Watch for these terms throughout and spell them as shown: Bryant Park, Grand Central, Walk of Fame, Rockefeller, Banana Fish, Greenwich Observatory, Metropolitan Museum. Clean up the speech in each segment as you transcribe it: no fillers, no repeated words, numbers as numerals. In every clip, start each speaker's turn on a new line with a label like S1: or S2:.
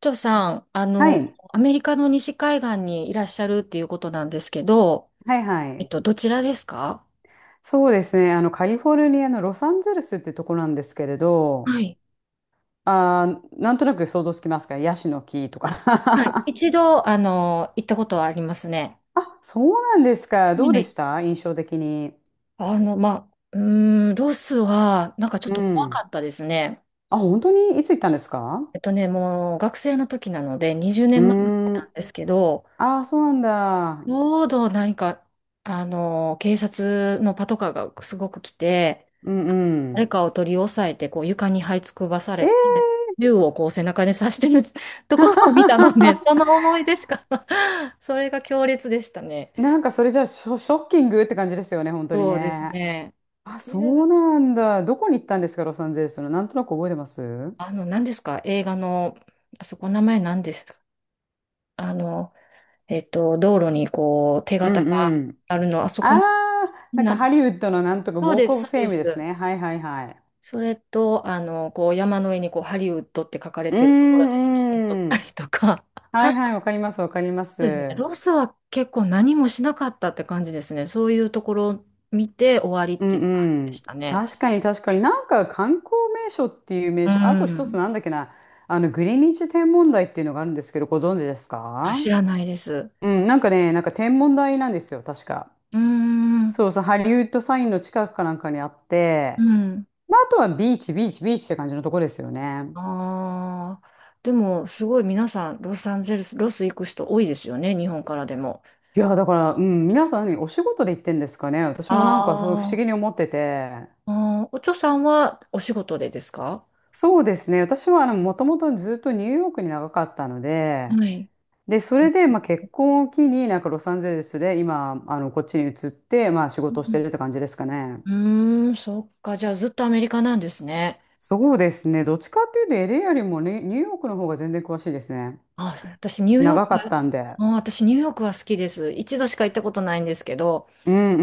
S1: 長さん、
S2: はい、
S1: アメリカの西海岸にいらっしゃるっていうことなんですけど、
S2: はいはい。
S1: どちらですか？
S2: そうですね。カリフォルニアのロサンゼルスってとこなんですけれど、
S1: はい。
S2: なんとなく想像つきますか？ヤシの木と
S1: はい。
S2: か。
S1: 一度、行ったことはありますね。
S2: あ、そうなんですか。
S1: は
S2: どうで
S1: い。
S2: した印象的に？
S1: まあ、ロスは、なんかちょっ
S2: う
S1: と怖
S2: ん。
S1: かったですね。
S2: あ、本当に？いつ行ったんですか？
S1: もう学生の時なので、20
S2: う
S1: 年前
S2: ー
S1: な
S2: ん。
S1: んですけど、
S2: あー、そうなん
S1: ち
S2: だ。
S1: ょうど何か、警察のパトカーがすごく来て、
S2: うんうん。
S1: 誰かを取り押さえて、こう床に這いつくばさ
S2: え
S1: れ
S2: ー
S1: て、銃をこう背中で刺してる ところを見たので、その 思い出しか それが強烈でしたね。
S2: なんかそれじゃあショッキングって感じですよね、本当に
S1: そうです
S2: ね。
S1: ね。
S2: あ、
S1: で、
S2: そうなんだ。どこに行ったんですか、ロサンゼルスの？なんとなく覚えてます？
S1: 何ですか？映画の、あそこ名前何ですか？あの、道路にこう手
S2: う
S1: 形
S2: ん
S1: が
S2: うん。
S1: あるの、あそこ
S2: ああ、なんか
S1: な、
S2: ハリウッドのなんとかウ
S1: そう
S2: ォー
S1: で
S2: クオ
S1: す、
S2: ブ
S1: そ
S2: フ
S1: う
S2: ェイ
S1: で
S2: ムです
S1: す。
S2: ね。はいはいはい。
S1: それと、こう山の上にこうハリウッドって書かれ
S2: う
S1: てるところで写真撮っ
S2: んう
S1: たり
S2: ん。
S1: とか。
S2: はいはい、わかりますわかりま
S1: そうですね。
S2: す。
S1: ロスは結構何もしなかったって感じですね。そういうところを見て終わりっ
S2: うんう
S1: ていう感じでし
S2: ん。
S1: たね。
S2: 確かに確かに。なんか観光名所っていう名
S1: う
S2: 所、あと一つ
S1: ん。
S2: なんだっけな、グリニッジ天文台っていうのがあるんですけど、ご存知です
S1: あ、
S2: か？
S1: 知らないです。う
S2: うん、なんかね、なんか天文台なんですよ、確か。
S1: ーん。
S2: そうそう、ハリウッドサインの近くかなんかにあっ
S1: う
S2: て、
S1: ん。
S2: まあ、あとはビーチ、ビーチ、ビーチって感じのとこですよね。
S1: ああ。でも、すごい皆さん、ロサンゼルス、ロス行く人多いですよね。日本からでも。
S2: いや、だから、うん、皆さん何お仕事で行ってんですかね。私もなんかそう不思
S1: あ
S2: 議に思ってて。
S1: ーあー。お嬢さんはお仕事でですか？
S2: そうですね。私はもともとずっとニューヨークに長かったので、
S1: はい。
S2: で、それで、
S1: う
S2: まあ、結婚を機になんかロサンゼルスで今、こっちに移って、まあ、仕事をし
S1: ん、
S2: てるって感じですかね。
S1: うそっか。じゃあ、ずっとアメリカなんですね。
S2: そうですね。どっちかっていうとエ a よりもね、ニューヨークの方が全然詳しいですね。
S1: あ、私ニューヨーク、
S2: 長かったんで。
S1: あ、私ニューヨークは好きです。一度しか行ったことないんですけど、
S2: うんう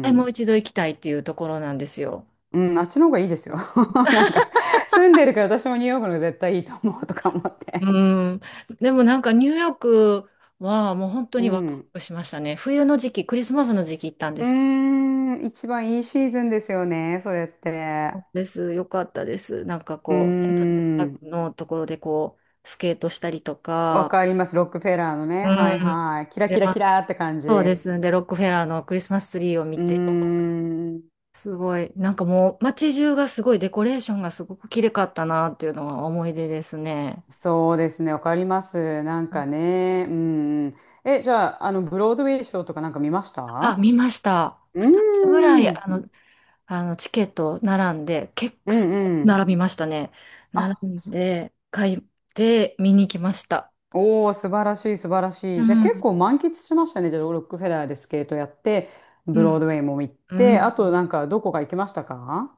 S1: はい、
S2: う
S1: もう
S2: ん。
S1: 一度行きたいっていうところなんですよ。
S2: うん、あっちの方がいいですよ。なんか、住んでるから私もニューヨークの方が絶対いいと思うとか思っ
S1: う
S2: て。
S1: ん。でもなんかニューヨークはもう本当
S2: う
S1: にワクワ
S2: ん。
S1: クしましたね。冬の時期、クリスマスの時期行ったんで
S2: うー
S1: すけど。
S2: ん、一番いいシーズンですよね、それって。
S1: そうです。よかったです。なんか
S2: うー
S1: こう、セントラルパー
S2: ん、
S1: クのところでこう、スケートしたりと
S2: わ
S1: か、
S2: かります、ロックフェラーのね。
S1: う
S2: はい
S1: ん。
S2: はい。キラ
S1: で、
S2: キラ
S1: ま
S2: キ
S1: あ、
S2: ラーって感じ。
S1: そうで
S2: う
S1: す。で、ロックフェラーのクリスマスツリーを
S2: ー
S1: 見て、
S2: ん、
S1: すごい。なんかもう街中がすごいデコレーションがすごく綺麗かったなっていうのは思い出ですね。
S2: そうですね、わかります。なんかね、うん。え、じゃあ、ブロードウェイショーとかなんか見まし
S1: あ、
S2: た？
S1: 見ました。
S2: うー
S1: 2つぐら
S2: ん、
S1: い
S2: うん
S1: チケット並んで、結
S2: う
S1: 構
S2: ん。
S1: 並びましたね。並
S2: あ、
S1: ん
S2: そ、
S1: で、買って見に来ました。
S2: おー、素晴らしい、素晴ら
S1: う
S2: しい。じゃあ結
S1: ん。
S2: 構満喫しましたね。じゃあ、ロックフェラーでスケートやって、
S1: う
S2: ブロー
S1: ん。
S2: ドウェイも行っ
S1: う
S2: て、
S1: ん。
S2: あとなんかどこか行きましたか？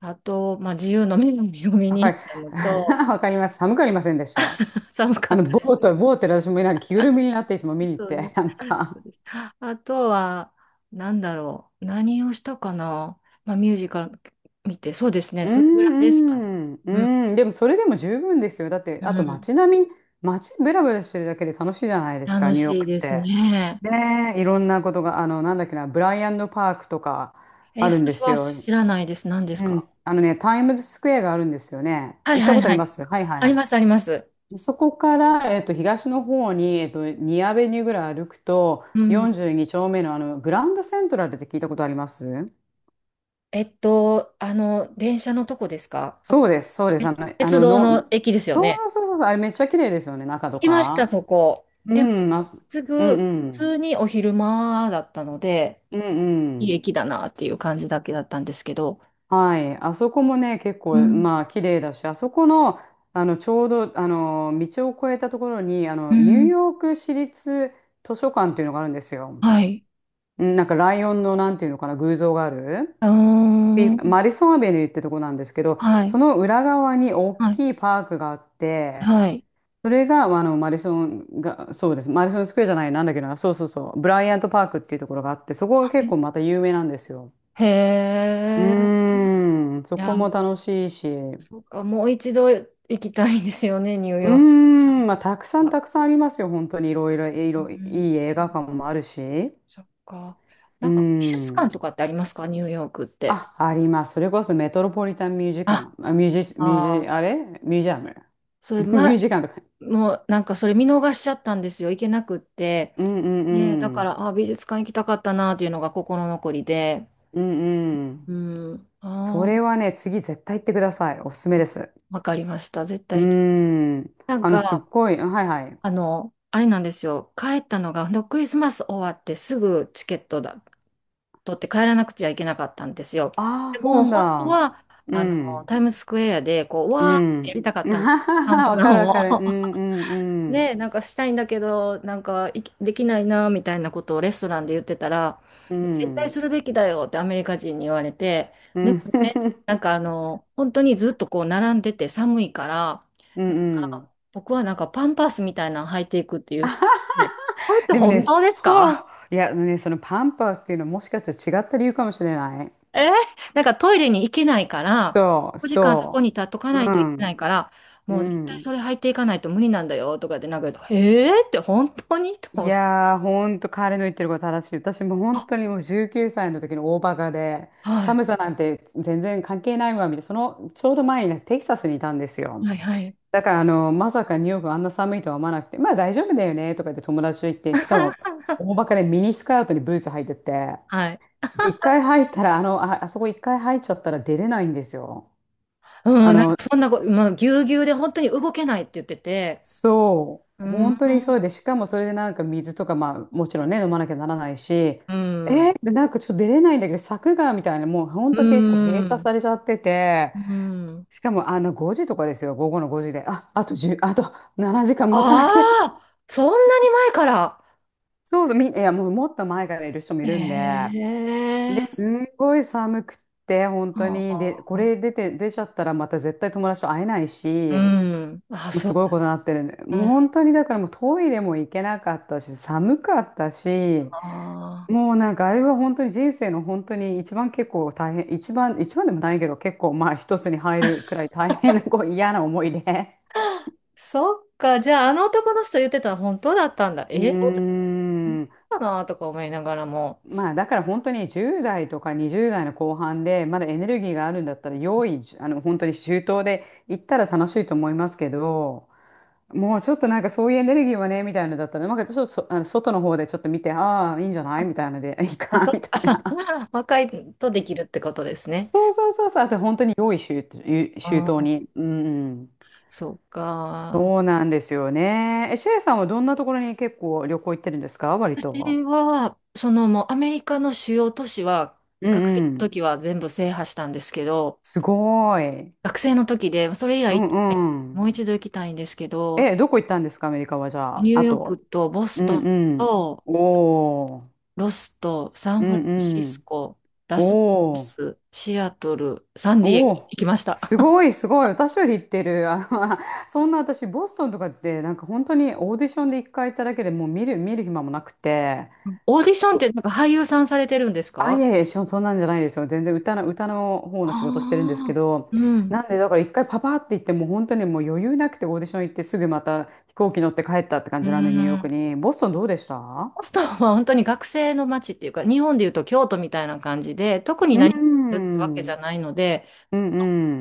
S1: あと、まあ、自由の女神を見
S2: わか
S1: に行っ
S2: り、
S1: たの と、
S2: わかります。寒くありませんでした？
S1: 寒かったです。
S2: ボートで私もなんか着ぐるみになっていつも見 に行っ
S1: そうで
S2: て、
S1: す。
S2: なん
S1: そう
S2: か。
S1: です。あとは、なんだろう。何をしたかな。まあ、ミュージカル見て、そうですね。
S2: う
S1: それぐらいですかね。
S2: んう
S1: うん、
S2: んうん。でもそれでも十分ですよ。だって、
S1: う
S2: あと
S1: ん。
S2: 街並み、街ブラブラしてるだけで楽しいじゃないですか、
S1: 楽
S2: ニューヨー
S1: しい
S2: クっ
S1: です
S2: て。
S1: ね。
S2: ねえ、いろんなことが、なんだっけな、ブライアンドパークとか、あ
S1: え、
S2: る
S1: そ
S2: んで
S1: れ
S2: す
S1: は
S2: よ。
S1: 知らないです。何です
S2: う
S1: か？
S2: ん。あのね、タイムズスクエアがあるんですよね。
S1: はい
S2: 行った
S1: はい
S2: ことあ
S1: は
S2: りま
S1: い。
S2: す？はいはい
S1: あり
S2: は
S1: ます、あります。
S2: い。そこから、東の方に、にアベニューぐらい歩くと、
S1: うん。
S2: 42丁目の、あのグランドセントラルって聞いたことあります？
S1: 電車のとこですか？
S2: そうです、そうです。
S1: え鉄道の駅ですよ
S2: そ
S1: ね。
S2: うそうそうそう、あれめっちゃ綺麗ですよね、中
S1: 行
S2: と
S1: きました、
S2: か。
S1: そこ。
S2: う
S1: でも、
S2: ん、
S1: す
S2: う
S1: ぐ、
S2: ん
S1: 普
S2: うん。
S1: 通にお昼間だったので、
S2: うんう
S1: いい
S2: ん。
S1: 駅だなっていう感じだけだったんですけど、
S2: はい。あそこもね、結
S1: う
S2: 構、
S1: ん。
S2: まあ、綺麗だし、あそこの、ちょうど、道を越えたところに、
S1: う
S2: ニュー
S1: ん。
S2: ヨーク市立図書館っていうのがあるんですよ。
S1: はい。
S2: うん。なんか、ライオンの、なんていうのかな、偶像がある。
S1: うー
S2: ピマ
S1: ん。
S2: ディソンアベニューってとこなんですけど、
S1: は
S2: そ
S1: い。
S2: の裏側に大
S1: はい。
S2: きいパークがあって、
S1: はい。
S2: それが、マディソンが、そうです。マディソンスクエアじゃない、なんだっけな、そうそうそう、ブライアントパークっていうところがあって、そこが
S1: は
S2: 結
S1: い。
S2: 構また有名なんですよ。
S1: へ
S2: う
S1: え。
S2: ーん、そ
S1: い
S2: こ
S1: や、もう
S2: も楽しいし、う
S1: そうか。もう一度行きたいですよね、ニュー
S2: ー
S1: ヨーク。チャン
S2: ん、
S1: ス
S2: まあ、たくさん
S1: が、
S2: たくさんありますよ、本当にいろいろ、
S1: う
S2: い
S1: ん。
S2: い映画館もあるし、
S1: そっか。
S2: う
S1: な
S2: ー
S1: んか、美術館
S2: ん。
S1: とかってありますか？ニューヨークって。
S2: あ、あります。それこそメトロポリタンミュージカ
S1: あ、
S2: ン、あ
S1: ああ。
S2: ミュージアム。
S1: それ、
S2: ミュ
S1: ま、
S2: ージカンとか。
S1: もうなんかそれ見逃しちゃったんですよ。行けなくって。
S2: うんう
S1: で、だ
S2: んう
S1: か
S2: ん。
S1: ら、あ、美術館行きたかったなっていうのが心残りで。
S2: うんうん。
S1: うん。
S2: そ
S1: あ
S2: れ
S1: あ、
S2: はね、次絶対行ってください。おすすめです。
S1: わかりました。絶
S2: う
S1: 対。
S2: ん。
S1: なん
S2: すっ
S1: か、
S2: ごい。はいはい。
S1: あれなんですよ。帰ったのが、ほんとクリスマス終わってすぐチケットだ、取って帰らなくちゃいけなかったんですよ。
S2: ああ、
S1: で
S2: そう
S1: も、本当
S2: なんだ。
S1: は、
S2: うん。
S1: タイムズスクエアで、こう、
S2: う
S1: わーってや
S2: ん。
S1: りたかっ
S2: あ
S1: たんです。
S2: はは
S1: カウン
S2: は
S1: ト
S2: わ
S1: ダウ
S2: かる
S1: ン
S2: わ
S1: を。
S2: かる。うんうんうん。
S1: ね、なんかしたいんだけど、なんかいきできないなみたいなことをレストランで言ってたら、
S2: う
S1: 絶対
S2: ん。
S1: するべきだよってアメリカ人に言われて、
S2: う
S1: でも
S2: ん。
S1: ね、なんか、本当にずっとこう並んでて寒いから、
S2: う
S1: なん
S2: んうん。
S1: か僕はなんかパンパスみたいなの履いていくっていう人で、これって
S2: でもね、
S1: 本当ですか？
S2: はあ、いや、あのね、そのパンパースっていうのはもしかしたら違った理由かもしれない。
S1: えーなんかトイレに行けないから、
S2: そう、
S1: 5時間そこに
S2: そ
S1: 立っとか
S2: う。
S1: ない
S2: う
S1: といけな
S2: ん。
S1: いから、
S2: う
S1: もう絶対
S2: ん。
S1: それ履いていかないと無理なんだよとかで、なんか、えーって本当にと
S2: い
S1: 思って。
S2: やー、ほんと彼の言ってること正しい。私も
S1: あ、
S2: 本当にもう19歳の時の大バカで、
S1: はい
S2: 寒さなんて全然関係ないわ、みたいな。そのちょうど前にねテキサスにいたんですよ。
S1: はいはい。
S2: だからまさかニューヨークあんな寒いとは思わなくて、まあ大丈夫だよねとか言って友達と言って、しかも大バカでミニスカートにブーツ履いてって、
S1: はい。
S2: 一回入ったら、あそこ一回入っちゃったら出れないんですよ。あ
S1: うん、なんか
S2: の、
S1: そんなこ、まあ、ぎゅうぎゅうで本当に動けないって言ってて、
S2: そう、
S1: うん、
S2: 本当にそうで、しかもそれでなんか水とか、まあもちろんね、飲まなきゃならないし、
S1: うん、
S2: で、なんかちょっと出れないんだけど、柵がみたいな、もう本
S1: う
S2: 当結構閉鎖
S1: ん、
S2: されちゃってて、
S1: うん。
S2: しかもあの5時とかですよ、午後の5時で、あと10、あと7時間待たな
S1: あ
S2: きゃ、
S1: あ、そんなに前から。
S2: そうそう、いや、もうもっと前からいる人もいるんで、で、
S1: ええ、
S2: すんごい寒くって、本当に、
S1: う
S2: で、これ出て、出ちゃったらまた絶対友達と会えないし、
S1: ん。あ、
S2: もう
S1: そ
S2: すごい
S1: う。
S2: ことになってるね。
S1: う
S2: もう
S1: ん、
S2: 本当にだからもうトイレも行けなかったし、寒かったし、
S1: あー
S2: もうなんかあれは本当に人生の本当に一番でもないけど結構まあ一つに入るくらい大変なこう嫌な思いで。
S1: そっか。じゃあ、あの男の人言ってたの本当だったんだ。
S2: う
S1: えー、本
S2: ーん。
S1: 当かなとか思いながらも。
S2: まあだから本当に10代とか20代の後半でまだエネルギーがあるんだったら用意本当に周到で行ったら楽しいと思いますけど、もうちょっとなんかそういうエネルギーはねみたいなのだったらなんかちょっと外の方でちょっと見てああーいいんじゃないみたいなので いい
S1: あ、
S2: か
S1: そっ
S2: みた
S1: か。
S2: いな。
S1: 若いとできるってことですね。
S2: そうそうそうそう、あと本当に用意周、周
S1: あ
S2: 到
S1: ー、
S2: に。うんうん。
S1: そっか。
S2: そうなんですよね。えシェイさんはどんなところに結構旅行行ってるんですか、割と？
S1: 私は、そのもうアメリカの主要都市は、
S2: う
S1: 学生
S2: ん
S1: の
S2: うん。
S1: 時は全部制覇したんですけど、
S2: すごい。
S1: 学生の時で、それ以
S2: う
S1: 来行ってない、
S2: んう
S1: もう
S2: ん。
S1: 一度行きたいんですけど、
S2: え、どこ行ったんですか、アメリカは、じゃ
S1: ニ
S2: あ。
S1: ュー
S2: あ
S1: ヨーク
S2: と。
S1: とボス
S2: う
S1: ト
S2: ん
S1: ン
S2: うん。
S1: と
S2: おー。
S1: ロスとサン
S2: う
S1: フラ
S2: ん
S1: ンシ
S2: う
S1: ス
S2: ん。
S1: コ、ラスベガ
S2: おー。
S1: ス、シアトル、サンディエゴ
S2: おー。
S1: 行きました。
S2: すごい、すごい。私より行ってる。あの そんな、私、ボストンとかって、なんか本当にオーディションで一回行っただけでもう見る暇もなくて。
S1: うん。オーディションっ
S2: ど
S1: てなんか俳優さんされてるんです
S2: あ、い
S1: か？
S2: やいや、そんなんじゃないですよ。全然歌の方の仕事してるんですけ
S1: ああ
S2: ど。
S1: ー、うん。
S2: なんで、だから一回パパって行って、もう本当にもう余裕なくてオーディション行ってすぐまた飛行機乗って帰ったって感
S1: う
S2: じなんで、ニューヨーク
S1: ん。
S2: に。ボストンどうでした？
S1: ボストンは本当に学生の街っていうか、日本でいうと京都みたいな感じで、特に
S2: う
S1: 何かやるってわけ
S2: ん、
S1: じゃないので、
S2: うん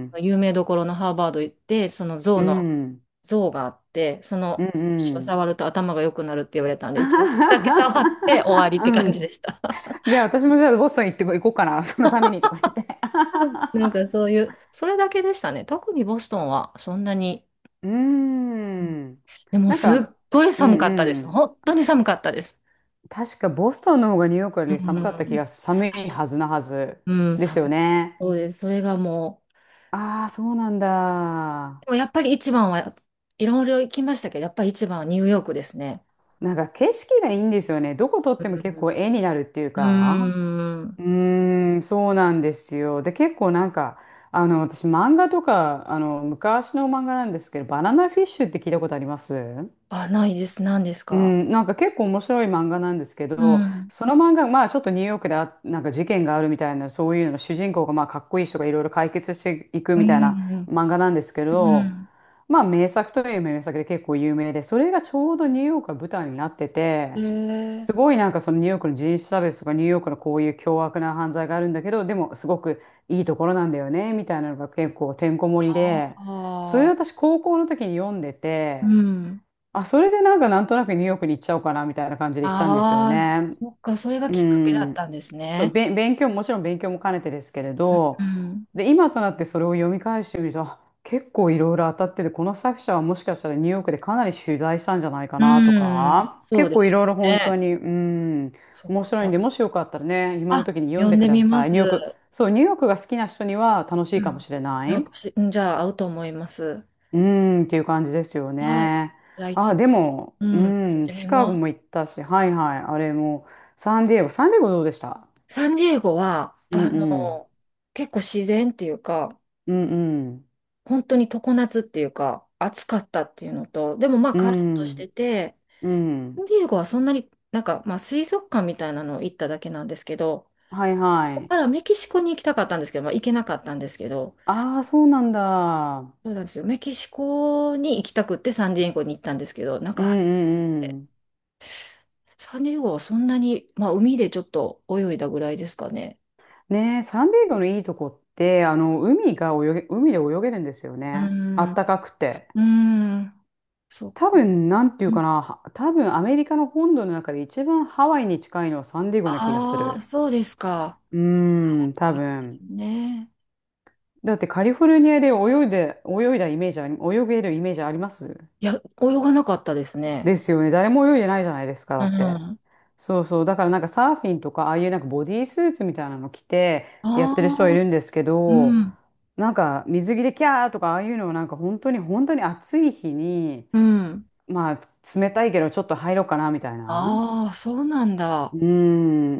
S2: うん、
S1: 有名どころのハーバード行って、その
S2: うん、
S1: 象があって、そ
S2: うん
S1: の血
S2: う
S1: を
S2: ん。
S1: 触ると頭が良くなるって言われたんで、
S2: あ
S1: 一応
S2: は
S1: それだけ触って終
S2: は
S1: わりっ
S2: はう
S1: て感じ
S2: ん。
S1: でした。
S2: いや、私もじゃあボストン行って行こうかな、そのためにとか言って。
S1: なんかそういう、それだけでしたね。特にボストンはそんなに、
S2: うーん。
S1: でも
S2: なん
S1: すっ
S2: か、
S1: ごい
S2: う
S1: 寒
S2: ん
S1: かったで
S2: う
S1: す。
S2: ん。
S1: 本当に寒かったです。
S2: 確かボストンの方がニューヨークよ
S1: う
S2: り寒かった気
S1: ん、
S2: が、寒いはず
S1: うん、
S2: で
S1: 寒
S2: すよね。
S1: そうです。それがもう、
S2: ああ、そうなんだ。
S1: でもやっぱり一番は、いろいろ行きましたけど、やっぱり一番はニューヨークですね。
S2: なんか景色がいいんですよね。どこ撮っても結
S1: う
S2: 構絵になるっ
S1: ん。
S2: ていう
S1: う
S2: か。
S1: ーん。
S2: うーん、そうなんですよ。で、結構なんか、あの、私、漫画とか、あの、昔の漫画なんですけど、バナナフィッシュって聞いたことあります？
S1: あ、ないです。何です
S2: う
S1: か？
S2: ん、なんか結構面白い漫画なんですけ
S1: う
S2: ど、
S1: ん。
S2: その漫画、まあちょっとニューヨークで、なんか事件があるみたいな、そういうの、主人公がまあかっこいい人がいろいろ解決していく
S1: う
S2: みたいな
S1: ん。うん。
S2: 漫画なんですけど、まあ名作という名作で結構有名で、それがちょうどニューヨークが舞台になって
S1: う
S2: て、
S1: ん、え
S2: す
S1: ー、
S2: ごいなんかそのニューヨークの人種差別とかニューヨークのこういう凶悪な犯罪があるんだけど、でもすごくいいところなんだよね、みたいなのが結構てんこ盛り
S1: あ
S2: で、それを
S1: あ。
S2: 私高校の時に読んで
S1: う
S2: て、
S1: ん。
S2: あ、それでなんかなんとなくニューヨークに行っちゃおうかなみたいな感じで行ったんですよ
S1: ああ、
S2: ね。
S1: そっか、それが
S2: う
S1: きっかけだっ
S2: ん。
S1: たんですね。
S2: 勉強も、もちろん勉強も兼ねてですけれ
S1: う
S2: ど、
S1: ん。
S2: で、今となってそれを読み返してみると、あ結構いろいろ当たってて、この作者はもしかしたらニューヨークでかなり取材したんじゃないかなと
S1: うん。
S2: か、
S1: そう
S2: 結
S1: で
S2: 構
S1: し
S2: い
S1: ょ
S2: ろいろ
S1: う
S2: 本当
S1: ね。
S2: に、うん、
S1: そっ
S2: 面白いん
S1: か。
S2: で、もしよかったらね、今の
S1: あ、
S2: 時に読ん
S1: 呼
S2: で
S1: ん
S2: く
S1: で
S2: だ
S1: みま
S2: さい。
S1: す。
S2: ニューヨーク、そう、ニューヨークが好きな人には楽しい
S1: う
S2: かも
S1: ん。
S2: しれない。
S1: 私、うん、じゃあ、合うと思います。
S2: うーん、っていう感じですよ
S1: はい。
S2: ね。
S1: じゃあ、一
S2: あ、
S1: 度、
S2: でも、
S1: う
S2: う
S1: ん、呼ん
S2: ん、
S1: でみ
S2: シカゴ
S1: ま
S2: も
S1: す。
S2: 行ったし、はいはい、あれも、サンディエゴ、サンディエゴどうでした？
S1: サンディエゴは、
S2: うんうん、
S1: 結構自然っていうか、
S2: うんうん、
S1: 本当に常夏っていうか、暑かったっていうのと、でもまあ、
S2: う
S1: カラッとして
S2: ん、
S1: て、
S2: う
S1: サン
S2: ん、
S1: ディエゴはそんなになんか、まあ、水族館みたいなの行っただけなんですけど、
S2: はいは
S1: ここ
S2: い。
S1: からメキシコに行きたかったんですけど、まあ、行けなかったんですけど、
S2: ああ、そうなんだ。
S1: そうなんですよ。メキシコに行きたくってサンディエゴに行ったんですけど、なん
S2: うん
S1: か、
S2: うんうん。
S1: サンディエゴはそんなに、まあ、海でちょっと泳いだぐらいですかね。
S2: ねえ、サンディエゴのいいとこって、あの、海で泳げるんですよ
S1: うー
S2: ね。あ
S1: ん、
S2: っ
S1: う
S2: たかくて。
S1: ーん、そっ
S2: 多
S1: か。
S2: 分、なんていうかな、は多分アメリカの本土の中で一番ハワイに近いのはサンディエゴな気がす
S1: ああ、
S2: る。
S1: そうですか。
S2: うーん、
S1: も
S2: 多
S1: ういいです
S2: 分。
S1: ね。
S2: だってカリフォルニアで泳げるイメージあります？
S1: いや、泳がなかったですね。
S2: ですよね。誰も泳いでないじゃないですか、
S1: う
S2: だ
S1: ん。
S2: って。
S1: あ
S2: そうそう。だからなんかサーフィンとか、ああいうなんかボディースーツみたいなの着てやってる人はい
S1: あ、
S2: るんですけ
S1: う
S2: ど、
S1: ん、
S2: なんか水着でキャーとか、ああいうのをなんか本当に本当に暑い日に、
S1: うん。
S2: まあ冷たいけどちょっと入ろうかなみたいな。
S1: ああ、そうなん
S2: う
S1: だ。
S2: ー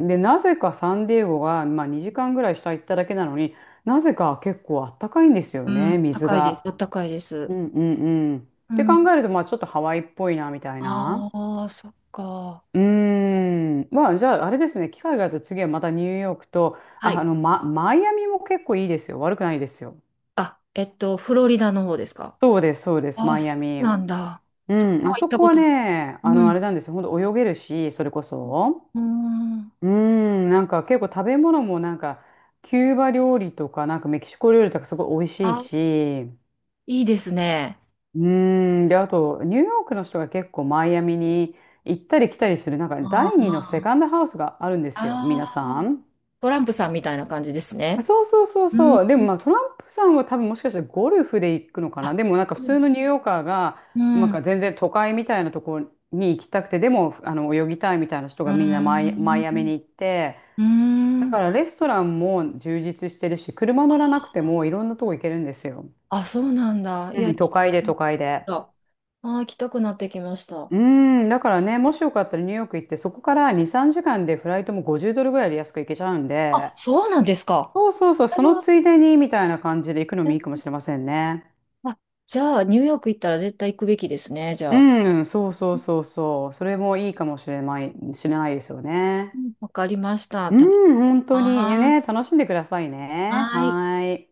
S2: ん。で、なぜかサンディエゴが、まあ、2時間ぐらい下行っただけなのになぜか結構あったかいんですよ
S1: うん、
S2: ね、水
S1: 高いです。あ
S2: が。
S1: ったかいです。
S2: うんうんうん。っ
S1: う
S2: て考
S1: ん。
S2: えると、まあ、ちょっとハワイっぽいな、みたいな。
S1: ああ、そっか。
S2: うーん。まあ、じゃあ、あれですね。機会があると次はまたニューヨークと、
S1: は
S2: あ、
S1: い。
S2: あの、ま、マイアミも結構いいですよ。悪くないですよ。
S1: あ、フロリダの方ですか。
S2: そうです、そうです、
S1: ああ、
S2: マイ
S1: そ
S2: ア
S1: う
S2: ミ。
S1: なんだ。
S2: う
S1: そこ
S2: ん。
S1: は
S2: あ
S1: 行っ
S2: そ
S1: た
S2: こ
S1: こ
S2: は
S1: と。
S2: ね、あ
S1: う
S2: の、あ
S1: ん。
S2: れなんですよ。ほんと泳げるし、それこそ。
S1: うん。
S2: うーん、なんか結構食べ物もなんか、キューバ料理とか、なんかメキシコ料理とかすごい美味しい
S1: あ、
S2: し、
S1: いいですね。
S2: うーん、で、あと、ニューヨークの人が結構マイアミに行ったり来たりする、なんか
S1: あ
S2: 第二のセ
S1: あ、
S2: カンドハウスがあるんですよ、皆
S1: あ
S2: さ
S1: あ、
S2: ん。
S1: トランプさんみたいな感じです
S2: あ
S1: ね。
S2: そうそうそう
S1: う
S2: そ
S1: ん。
S2: う。でもまあトランプさんは多分もしかしたらゴルフで行くのか
S1: あ、
S2: な。でもなんか普
S1: う
S2: 通
S1: ん。
S2: のニューヨーカーが、
S1: う
S2: なん
S1: ん。
S2: か全然都会みたいなところに行きたくて、でもあの泳ぎたいみたいな人
S1: う
S2: がみんなマイ、マ
S1: ん。
S2: イアミに行って、
S1: う
S2: だ
S1: ん、
S2: からレストランも充実してるし、車乗らなくてもいろんなとこ行けるんですよ。
S1: あ、そうなんだ。い
S2: う
S1: や、
S2: ん、
S1: 行
S2: 都
S1: きた
S2: 会
S1: く
S2: で
S1: な
S2: 都
S1: っ
S2: 会で。
S1: た。あー、行きたくなってきました。
S2: うん、だからね、もしよかったらニューヨーク行って、そこから2、3時間でフライトも$50ぐらいで安く行けちゃうん
S1: あ、
S2: で、
S1: そうなんですか。
S2: そうそうそう、そのついでにみたいな感じで行くの
S1: う
S2: もい
S1: ん、
S2: いかもしれませんね。
S1: あ、じゃあ、ニューヨーク行ったら絶対行くべきですね、じゃあ。
S2: うん、そうそう
S1: う
S2: そうそう、それもいいかもしれないですよね。
S1: ん、わかりました。
S2: う
S1: 食べ
S2: ん、本当に
S1: ま
S2: ね、
S1: す。
S2: 楽しんでくださいね。
S1: は
S2: は
S1: ーい。
S2: ーい。